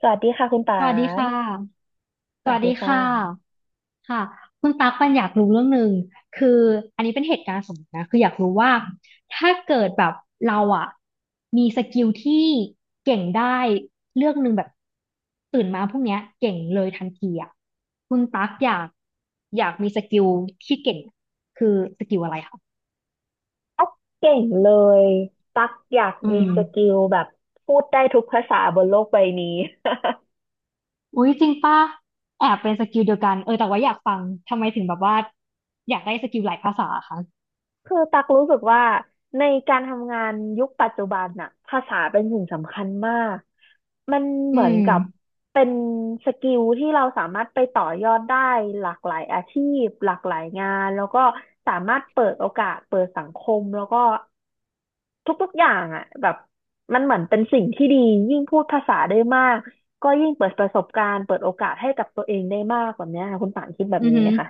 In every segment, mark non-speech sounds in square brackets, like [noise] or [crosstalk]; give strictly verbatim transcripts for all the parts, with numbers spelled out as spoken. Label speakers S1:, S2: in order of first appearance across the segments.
S1: สวัสดีค่ะคุณปา
S2: สวัสดีค่ะ
S1: นส
S2: ส
S1: วั
S2: วั
S1: ส
S2: สดี
S1: ดีค่ะ
S2: ค่ะค่ะคุณตั๊กปันอยากรู้เรื่องหนึ่งคืออันนี้เป็นเหตุการณ์สมมตินะคืออยากรู้ว่าถ้าเกิดแบบเราอะมีสกิลที่เก่งได้เรื่องหนึ่งแบบตื่นมาพรุ่งเนี้ยเก่งเลยทันทีอะคุณตั๊กอยากอยากมีสกิลที่เก่งคือสกิลอะไรคะ
S1: ตั๊กเก่งเลยตั๊กอยาก
S2: อื
S1: มี
S2: ม
S1: สกิลแบบพูดได้ทุกภาษาบนโลกใบนี้ [laughs]
S2: อุ้ยจริงป่ะแอบเป็นสกิลเดียวกันเออแต่ว่าอยากฟังทำไมถึงแบบว่าอยากได้สกิลหลายภาษาคะ
S1: คือตักรู้สึกว่าในการทำงานยุคปัจจุบันน่ะภาษาเป็นสิ่งสำคัญมากมัน
S2: อื
S1: เหมือน
S2: ม
S1: กับเป็นสกิลที่เราสามารถไปต่อยอดได้หลากหลายอาชีพหลากหลายงานแล้วก็สามารถเปิดโอกาสเปิดสังคมแล้วก็ทุกๆอย่างอ่ะแบบมันเหมือนเป็นสิ่งที่ดียิ่งพูดภาษาได้มากก็ยิ่งเปิดประสบการณ์เปิดโอกาสให้กับตัวเองได้มากแบบเนี้ยค่ะคุณป่านคิดแบบ
S2: อือ
S1: นี้
S2: หื
S1: ไหม
S2: อ
S1: คะ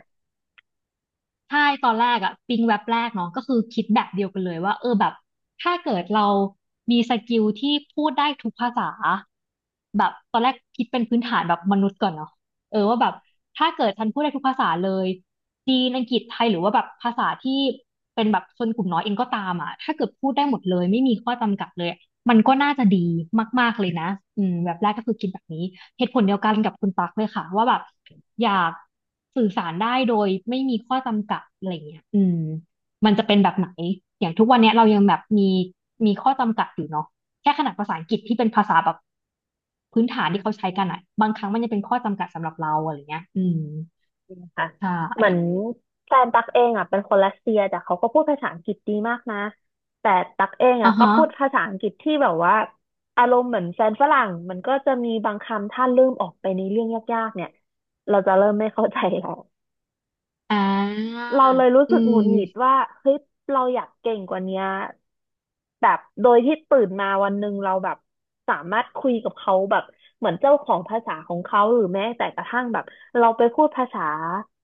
S2: ใช่ตอนแรกอะปิ๊งแว็บแรกเนาะก็คือคิดแบบเดียวกันเลยว่าเออแบบถ้าเกิดเรามีสกิลที่พูดได้ทุกภาษาแบบตอนแรกคิดเป็นพื้นฐานแบบมนุษย์ก่อนเนาะเออว่าแบบถ้าเกิดฉันพูดได้ทุกภาษาเลยจีนอังกฤษไทยหรือว่าแบบภาษาที่เป็นแบบชนกลุ่มน้อยเองก็ตามอะถ้าเกิดพูดได้หมดเลยไม่มีข้อจำกัดเลยมันก็น่าจะดีมากๆเลยนะอืมแบบแรกก็คือคิดแบบนี้ เหตุผลเดียวกันกับคุณปักเลยค่ะว่าแบบอยากสื่อสารได้โดยไม่มีข้อจำกัดอะไรเงี้ยอืมมันจะเป็นแบบไหนอย่างทุกวันเนี้ยเรายังแบบมีมีข้อจำกัดอยู่เนาะแค่ขนาดภาษาอังกฤษที่เป็นภาษาแบบพื้นฐานที่เขาใช้กันอะบางครั้งมันยังเป็นข้อจำกัดสำหรับเราอะไรเงี้ยอืม
S1: นะคะ
S2: ใช
S1: เหมือน
S2: ่
S1: แฟนตักเองอ่ะเป็นคนรัสเซียแต่เขาก็พูดภาษาอังกฤษดีมากนะแต่ตักเองอ่ะ
S2: อ่า
S1: ก็
S2: ฮะ
S1: พูดภาษาอังกฤษที่แบบว่าอารมณ์เหมือนแฟนฝรั่งมันก็จะมีบางคำถ้าลืมออกไปในเรื่องยากๆเนี่ยเราจะเริ่มไม่เข้าใจแล้ว
S2: อ่า
S1: เราเลยรู้
S2: อื
S1: สึกหงุดหงิด
S2: ม
S1: ว่าเฮ้ยเราอยากเก่งกว่าเนี้ยแบบโดยที่ตื่นมาวันหนึ่งเราแบบสามารถคุยกับเขาแบบเหมือนเจ้าของภาษาของเขาหรือแม้แต่กระทั่งแบบเราไปพูดภาษา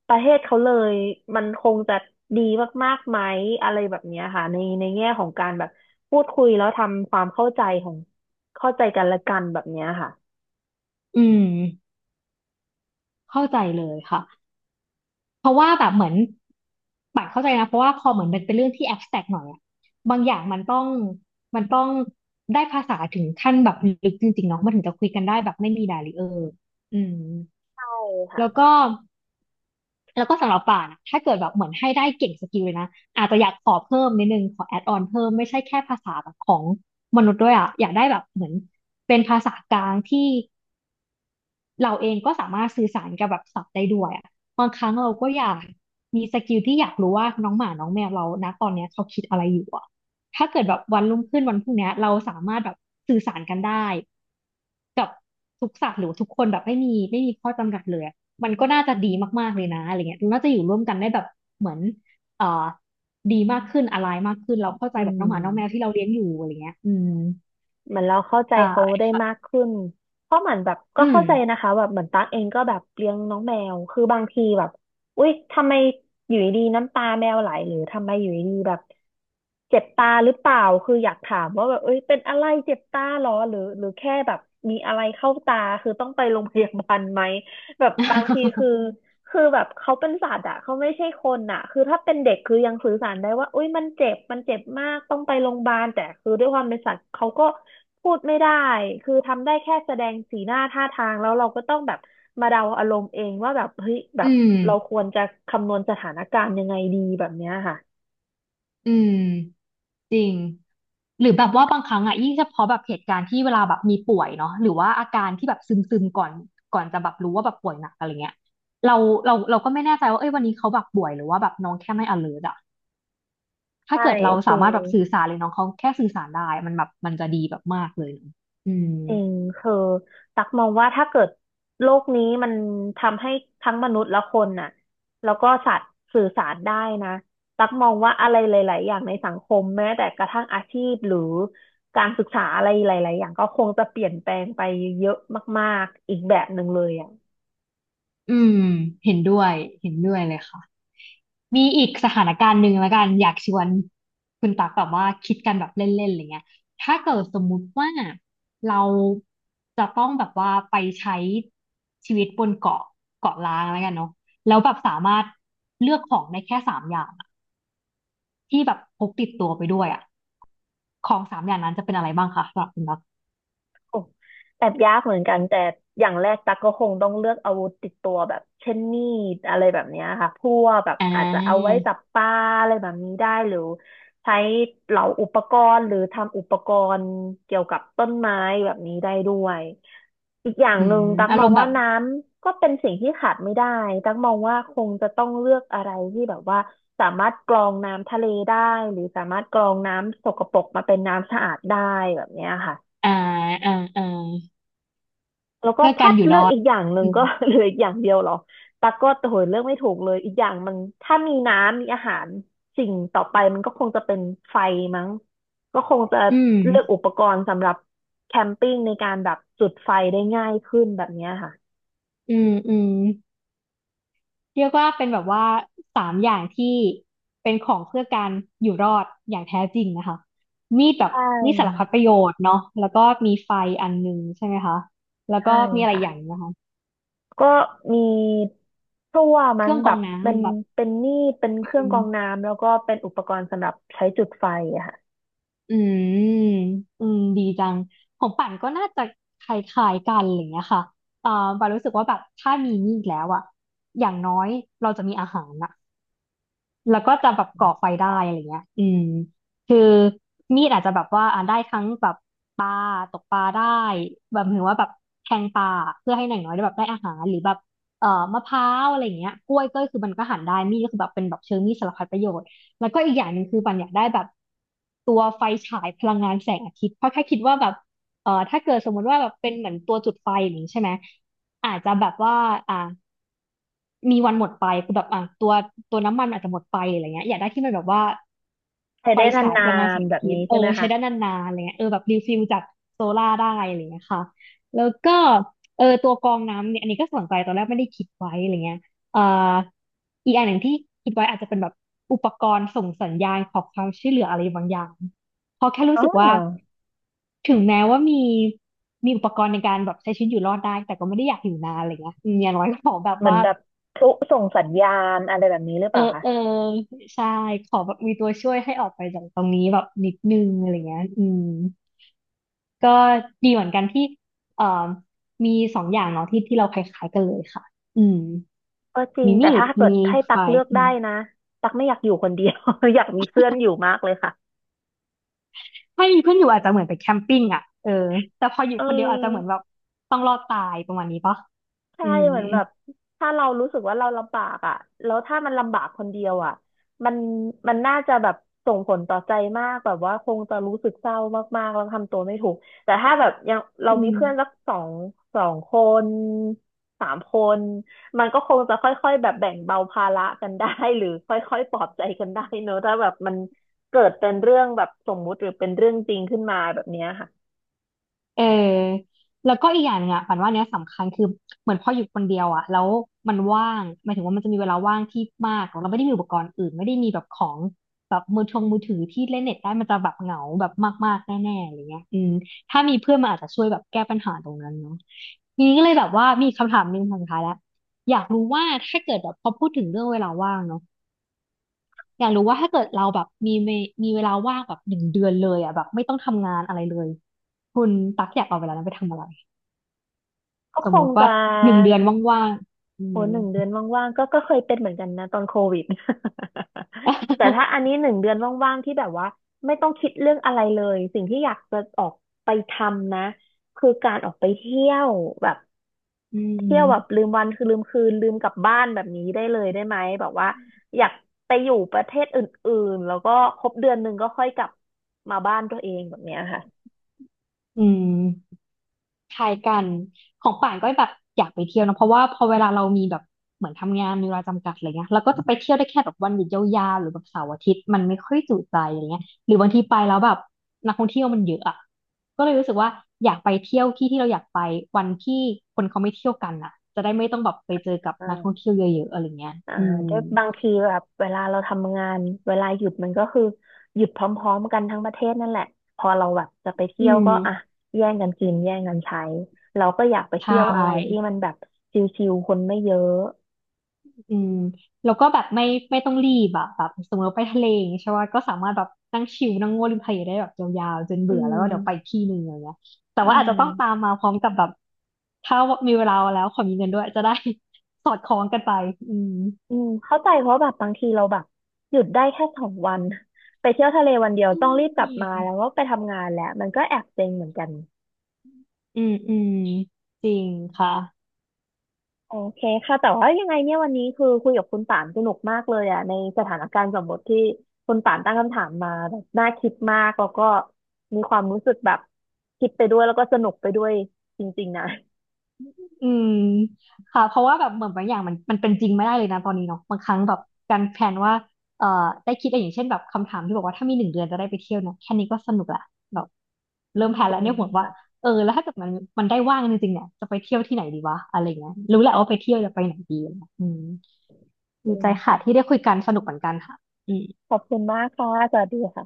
S1: ประเทศเขาเลยมันคงจะดีมากๆไหมอะไรแบบเนี้ยค่ะในในแง่ของการแบบพูดคุยแล้วทำความเข้าใจของเข้าใจกันและกันแบบเนี้ยค่ะ
S2: อืมเข้าใจเลยค่ะ เพราะว่าแบบเหมือนป่านเข้าใจนะเพราะว่าพอเหมือนมันเป็นเรื่องที่แอบแตรกหน่อยอะบางอย่างมันต้องมันต้องได้ภาษาถึงขั้นแบบลึกจริงๆเนาะมันถึงจะคุยกันได้แบบไม่มีดาริเออร์อืม
S1: ใช่
S2: แล้ว
S1: ค่ะ
S2: ก็แล้วก็สำหรับป่านอะถ้าเกิดแบบเหมือนให้ได้เก่งสกิลเลยนะอาจจะอยากขอเพิ่มนิดนึงขอแอดออนเพิ่มไม่ใช่แค่ภาษาแบบของมนุษย์ด้วยอะอยากได้แบบเหมือนเป็นภาษากลางที่ เราเองก็สามารถสื่อสารกับแบบสัตว์ได้ด้วยอะบางครั้งเราก็อยากมีสกิลที่อยากรู้ว่าน้องหมาน้องแมวเรานะตอนเนี้ยเขาคิดอะไรอยู่อะถ้าเกิดแบบวันรุ่งขึ้นวันพรุ่งเนี้ยเราสามารถแบบสื่อสารกันได้กับทุกสัตว์หรือทุกคนแบบไม่มีไม่มีข้อจำกัดเลยอะมันก็น่าจะดีมากๆเลยนะอะไรเงี้ยน่าจะอยู่ร่วมกันได้แบบเหมือนเอ่อดีมากขึ้นอะไรมากขึ้นเราเข้าใจ
S1: อื
S2: แบบน้องหมาน้องแมวที่
S1: ม
S2: เราเลี้ยงอยู่อะไรเงี้ยอืม
S1: เหมือนเราเข้าใจ
S2: ใช่
S1: เขาได้มาก
S2: ค่ะ
S1: ขึ้นเพราะเหมือนแบบก็
S2: อืม
S1: เข้าใจนะคะแบบเหมือนตั๊กเองก็แบบเลี้ยงน้องแมวคือบางทีแบบอุ๊ยทำไมอยู่ดีๆน้ำตาแมวไหลหรือทำไมอยู่ดีๆแบบเจ็บตาหรือเปล่าคืออยากถามว่าแบบเอ้ยเป็นอะไรเจ็บตาเหรอหรือหรือแค่แบบมีอะไรเข้าตาคือต้องไปโรงพยาบาลไหมแบบบางทีคื
S2: [laughs]
S1: อ คือแบบเขาเป็นสัตว์อะเขาไม่ใช่คนอะคือถ้าเป็นเด็กคือยังสื่อสารได้ว่าอุ้ยมันเจ็บมันเจ็บมากต้องไปโรงพยาบาลแต่คือด้วยความเป็นสัตว์เขาก็พูดไม่ได้คือทำได้แค่แสดงสีหน้าท่าทางแล้วเราก็ต้องแบบมาเดาอารมณ์เองว่าแบบเฮ้ยแบ
S2: อื
S1: บเราค
S2: ม
S1: วรจะคำนวณสถานการณ์ยังไงดีแบบเนี้ยค่ะ
S2: อืม จริงหรือแบบว่าบางครั้งอ่ะยิ่งเฉพาะแบบเหตุการณ์ที่เวลาแบบมีป่วยเนาะหรือว่าอาการที่แบบซึมซึมก่อนก่อนจะแบบรู้ว่าแบบป่วยหนักอะไรเงี้ยเราเราเราก็ไม่แน่ใจว่าเอ้ยวันนี้เขาแบบป่วยหรือว่าแบบน้องแค่ไม่ alert อะถ้า
S1: ใช่
S2: เกิดเรา
S1: คื
S2: สา
S1: อ
S2: มารถแบบสื่อสารเลยน้องเขาแค่สื่อสารได้มันแบบมันจะดีแบบมากเลยเนอะอืม
S1: จริงคือตักมองว่าถ้าเกิดโลกนี้มันทำให้ทั้งมนุษย์และคนน่ะแล้วก็สัตว์สื่อสารได้นะตักมองว่าอะไรหลายๆอย่างในสังคมแม้แต่กระทั่งอาชีพหรือการศึกษาอะไรหลายๆอย่างก็คงจะเปลี่ยนแปลงไปเยอะมากๆอีกแบบหนึ่งเลยอ่ะ
S2: อืมเห็นด้วยเห็นด้วยเลยค่ะ มีอีกสถานการณ์หนึ่งแล้วกันอยากชวนคุณตักแบบว่าคิดกันแบบเล่นๆอะไรเงี้ยถ้าเกิดสมมุติว่าเราจะต้องแบบว่าไปใช้ชีวิตบนเกาะเกาะล้างแล้วกันเนาะแล้วแบบสามารถเลือกของได้แค่สามอย่างอะที่แบบพกติดตัวไปด้วยอ่ะของสามอย่างนั้นจะเป็นอะไรบ้างคะสำหรับคุณตัก
S1: โอ้แอบยากเหมือนกันแต่อย่างแรกตักก็คงต้องเลือกอาวุธติดตัวแบบเช่นมีดอะไรแบบเนี้ยค่ะพวกแบบ
S2: อ่
S1: อาจจะเอาไว้
S2: า
S1: จับปลาอะไรแบบนี้ได้หรือใช้เหลาอุปกรณ์หรือทำอุปกรณ์เกี่ยวกับต้นไม้แบบนี้ได้ด้วยอีกอย่าง
S2: อื
S1: หนึ่ง
S2: ม
S1: ตัก
S2: อา
S1: ม
S2: ร
S1: อง
S2: มณ์แบ
S1: ว่า
S2: บ
S1: น้ำก็เป็นสิ่งที่ขาดไม่ได้ตักมองว่าคงจะต้องเลือกอะไรที่แบบว่าสามารถกรองน้ำทะเลได้หรือสามารถกรองน้ำสกปรกมาเป็นน้ำสะอาดได้แบบเนี้ยค่ะ
S2: อ่าอ่าอ่า
S1: แล้วก็
S2: เพื่อกา
S1: ถ้า
S2: รอยู่
S1: เลื
S2: ร
S1: อก
S2: อด
S1: อีกอย่างหนึ่ง
S2: อืม
S1: ก็ [laughs] เหลืออีกอย่างเดียวเหรอตั๊กก็โหยเลือกไม่ถูกเลยอีกอย่างมันถ้ามีน้ำมีอาหารสิ่งต่อไปมันก็คงจะเป็นไฟมั้งก็คงจะ
S2: อืม
S1: เลือกอุปกรณ์สำหรับแคมปิ้งในการแบบจุดไฟได้ง่ายขึ้นแบบเนี้ยค่ะ
S2: อืมอืม เรียกว่าเป็นแบบว่าสามอย่างที่เป็นของเพื่อการอยู่รอดอย่างแท้จริงนะคะมีดแบ
S1: ใช
S2: บมีดสารพัด
S1: ่
S2: ประโยชน์เนาะแล้วก็มีไฟอันหนึงใช่ไหมคะแล้ว
S1: ใช่
S2: ก็มีอะไร
S1: ค่ะ
S2: อย่างนะคะ
S1: ก็มีพลั่ว
S2: เค
S1: มั้ง
S2: รื่องก
S1: แบ
S2: รอ
S1: บ
S2: ง
S1: เป็น
S2: น้ำแบบ
S1: เป็นนี่เป็นเครื่อง
S2: อื
S1: กรอง
S2: ม
S1: น้ำแล้วก็เป็นอุปกรณ์สำหรับใช้จุดไฟอะค่ะ
S2: อืมอืมดีจังของปั่นก็น่าจะคล้ายๆกันอะไรอย่างเงี้ยค่ะเอ่อปารู้สึกว่าแบบถ้ามีมีดแล้วอะอย่างน้อยเราจะมีอาหารนะ แล้วก็จะแบบก่อไฟได้อะไรเงี้ยอืมคือมีดอาจจะแบบว่าอ่าได้ทั้งแบบปลาตกปลาได้แบบหรือว่าแบบแทงปลาเพื่อให้หน่างน้อยได้แบบได้อาหารหรือแบบเอ่อมะพร้าวอะไรเงี้ยกล้วยก็คือมันก็หั่นได้มีดก็คือแบบเป็นแบบเชิงมีดสารพัดประโยชน์แล้วก็อีกอย่างหนึ่งคือปันอยากได้แบบตัวไฟฉายพลังงานแสงอาทิตย์เพราะแค่คิดว่าแบบเอ่อถ้าเกิดสมมติว่าแบบเป็นเหมือนตัวจุดไฟอย่างนี้ใช่ไหมอาจจะแบบว่าอ่า มีวันหมดไปคือแบบอ่ะตัวตัวน้ำมันอาจจะหมดไปอะไรเงี้ยอยากได้ที่มันแบบว่า
S1: ใช้
S2: ไฟ
S1: ได้น
S2: ฉายพ
S1: า
S2: ลังงานแส
S1: น
S2: ง
S1: ๆแบ
S2: อา
S1: บ
S2: ทิต
S1: นี้
S2: ย์เอ
S1: ใช่
S2: อ
S1: ไหม
S2: ใช้
S1: คะ
S2: ได้นานๆอะไรเงี้ยเออแบบรีฟิลจากโซล่าร์ได้อะไรเงี้ยค่ะแล้วก็เออตัวกรองน้ำเนี่ยอันนี้ก็สนใจตอนแรกไม่ได้คิดไว้อะไรเงี้ยเอ่ออีกอันหนึ่งที่คิดไว้อาจจะเป็นแบบอุปกรณ์ส่งสัญญาณขอความช่วยเหลืออะไรบางอย่างเพราะแค่รู้
S1: อ๋อ
S2: สึกว่าถึงแม้ว่ามีมีอุปกรณ์ในการแบบใช้ชีวิตอยู่รอดได้แต่ก็ไม่ได้อยากอยู่นานอะไรเงี้ยอืมอย่างน้อยก็ขอแบบ
S1: เหมือน
S2: ว่า
S1: แบบพลุส่งสัญญาณอะไรแบบนี้หรือเป
S2: เออ
S1: ล่าคะ
S2: เออใช่ขอแบบมีตัวช่วยให้ออกไปจากตรงนี้แบบนิดนึงอะไรเงี้ยอืมก็ดีเหมือนกันที่เอ่อมีสองอย่างเนาะที่ที่เราคล้ายๆกันเลยค่ะอืม
S1: ก็จริง
S2: มี
S1: แต่
S2: มีด
S1: ถ้าเกิด
S2: มี
S1: ให้ตั
S2: ไฟ
S1: กเลือก
S2: อื
S1: ได้
S2: ม
S1: นะตักไม่อยากอยู่คนเดียว [laughs] อยากมีเพื่อนอยู่มากเลยค่ะ
S2: ถ้ามีเพื่อนอยู่อาจจะเหมือนไปแคมปิ้งอ่ะเออแต่พออยู่
S1: เออ
S2: คนเดียวอาจจะเหมือนแบบต้องรอดตายประมาณนี้ปะ
S1: ใช่
S2: อืม
S1: เหมือนแบบถ้าเรารู้สึกว่าเราลำบากอ่ะแล้วถ้ามันลำบากคนเดียวอ่ะมันมันน่าจะแบบส่งผลต่อใจมากแบบว่าคงจะรู้สึกเศร้ามากๆแล้วทำตัวไม่ถูกแต่ถ้าแบบยังเรา
S2: อื
S1: มี
S2: ม
S1: เพื่อนสักสองสองคนสามคนมันก็คงจะค่อยๆแบบแบ่งเบาภาระกันได้ [laughs] หรือค่อยๆปลอบใจกันได้เนอะถ้าแบบมันเกิดเป็นเรื่องแบบสมมุติหรือเป็นเรื่องจริงขึ้นมาแบบเนี้ยค่ะ
S2: เออแล้วก็อีกอย่างหนึงอ่ะปันว่าเนี้ยสำคัญคือเหมือนพออยู่คนเดียวอ่ะแล้วมันว่างหมายถึงว่ามันจะมีเวลาว่างที่มากเราไม่ได้มีอุปกรณ์อื่นไม่ได้มีแบบของแบบมือทงมือถือที่เล่นเน็ตได้มันจะแบบเหงาแบบมากๆแน่ๆอะไรเงี้ยอืมถ้ามีเพื่อนมันอาจจะช่วยแบบแก้ปัญหาตรงนั้นเนาะทีนี้ก็เลยแบบว่ามีคำถามหนึ่งคำสุดท้ายแล้วอยากรู้ว่าถ้าเกิดแบบพอพูดถึงเรื่องเวลาว่างเนาะอยากรู้ว่าถ้าเกิดเราแบบมีเวมีเวลาว่างแบบหนึ่งเดือนเลยอ่ะแบบไม่ต้องทำงานอะไรเลยคุณตักอยากเอาเวลานั้นไปทำอะไร
S1: ก็
S2: ส
S1: ค
S2: มมุ
S1: ง
S2: ติ
S1: จะ
S2: ว่าหนึ่งเดือนว่างๆอื
S1: โอ้
S2: ม
S1: หนึ่งเดือนว่างๆก็ก็เคยเป็นเหมือนกันนะตอนโควิด [laughs] แต่ถ้า
S2: [laughs]
S1: อันนี้หนึ่งเดือนว่างๆที่แบบว่าไม่ต้องคิดเรื่องอะไรเลย สิ่งที่อยากจะออกไปทำนะคือการออกไปเที่ยวแบบ
S2: อื
S1: เที่ยวแบบลื
S2: ม
S1: มวันคือลืมคืนลืมกลับบ้านแบบนี้ได้เลยได้ไหมแบบว่าอยากไปอยู่ประเทศอื่นๆแล้วก็ครบเดือนหนึ่งก็ค่อยกลับมาบ้านตัวเองแบบเนี้ยค่
S2: อืมคล้ายกันของป่านก็แบบอยากไปเที่ยวนะเพราะว่าพอเวลาเรามีแบบเหมือนทำงานมีเวลาจำกัดอะไรเงี้ยเราก็จะไปเที่ยวได้แค่แบบวันหยุดยาวๆหรือแบบเสาร์อาทิตย์มันไม่ค่อยจุใจอะไรเงี้ยหรือบางทีไปแล้วแบบนักท่องเที่ยวมันเยอะอะก็เลยรู้สึกว่าอยากไปเที่ยวที่ที่เราอยากไปวันที่คนเขาไม่เที่ยวกันอะจะได้ไม่ต้องแบบไปเจอกับนักท่อง
S1: ะ
S2: เที่ยวเยอะๆอะไรเงี้ย
S1: อ่า
S2: อืม
S1: ด้วยบางทีแบบเวลาเราทำงานเวลาหยุดมันก็คือหยุดพร้อมๆกันทั้งประเทศนั่นแหละพอเราแบบจะไป
S2: อื
S1: เที่ยวก็
S2: ม
S1: อ่ะแย่งกันกินแย่งกันใช้เราก็อยากไป
S2: ใช่
S1: เที่ยวอะไรที่มันแบบชิลๆคนไม่เยอะ
S2: อืมแล้วก็แบบไม่ไม่ต้องรีบอะแบบสมมติว่าไปทะเลอย่างเงี้ยใช่ป่ะก็สามารถแบบนั่งชิลนั่งโง่วริมทะเลได้แบบยาวๆจน
S1: อื
S2: เบื่อแล้วก็เดี๋ยวไปอีก
S1: ม
S2: ที่หนึ่งอะไรเงี้ยแต่
S1: อื
S2: ว่าอาจจะ
S1: ม
S2: ต้องตามมาพร้อมกับแบบถ้ามีเวลาแล้วขอมีเงินด้วยจะได้ [laughs] สอดคล้องกันไปอืม
S1: อืมเข้าใจเพราะแบบบางทีเราแบบหยุดได้แค่สองวันไปเที่ยวทะเลวันเดียว
S2: อื
S1: ต้องรีบก
S2: ม
S1: ลับมาแล้วก็ไปทำงานแล้วมันก็แอบเซ็งเหมือนกัน
S2: อืมอืมจริงค่ะ
S1: โอเคค่ะแต่ว่ายังไงเนี่ยวันนี้คือคุยกับคุณป่านสนุกมากเลยอ่ะในสถานการณ์สมมติที่คุณป่านตั้งคำถามมาแบบน่าคิดมากแล้วก็มีความรู้สึกแบบคิดไปด้วยแล้วก็สนุกไปด้วยจริงๆนะ
S2: อืมค่ะเพราะว่าแบบเหมือนบางอย่างมันมันเป็นจริงไม่ได้เลยนะตอนนี้เนาะบางครั้งแบบการแพลนว่าเอ่อได้คิดอะไรอย่างเช่นแบบคำถามที่บอกว่าถ้ามีหนึ่งเดือนจะได้ไปเที่ยวเนี่ยแค่นี้ก็สนุกละแบบเริ่มแพลน
S1: อื
S2: แล้วเนี่ย
S1: ม
S2: ห่วงว่า
S1: ค่ะ
S2: เออแล้วถ้าเกิดมันมันได้ว่างจริงๆเนี่ยจะไปเที่ยวที่ไหนดีวะอะไรเงี้ยรู้แหละว่าไปเที่ยวจะไปไหนดีอะไรเงี้ยอืม
S1: อื
S2: ดี
S1: ม
S2: ใจค่ะ
S1: ค่ะ
S2: ที่ได้คุยกันสนุกเหมือนกันค่ะอืม
S1: ขอบคุณมากค่ะสวัสดีค่ะ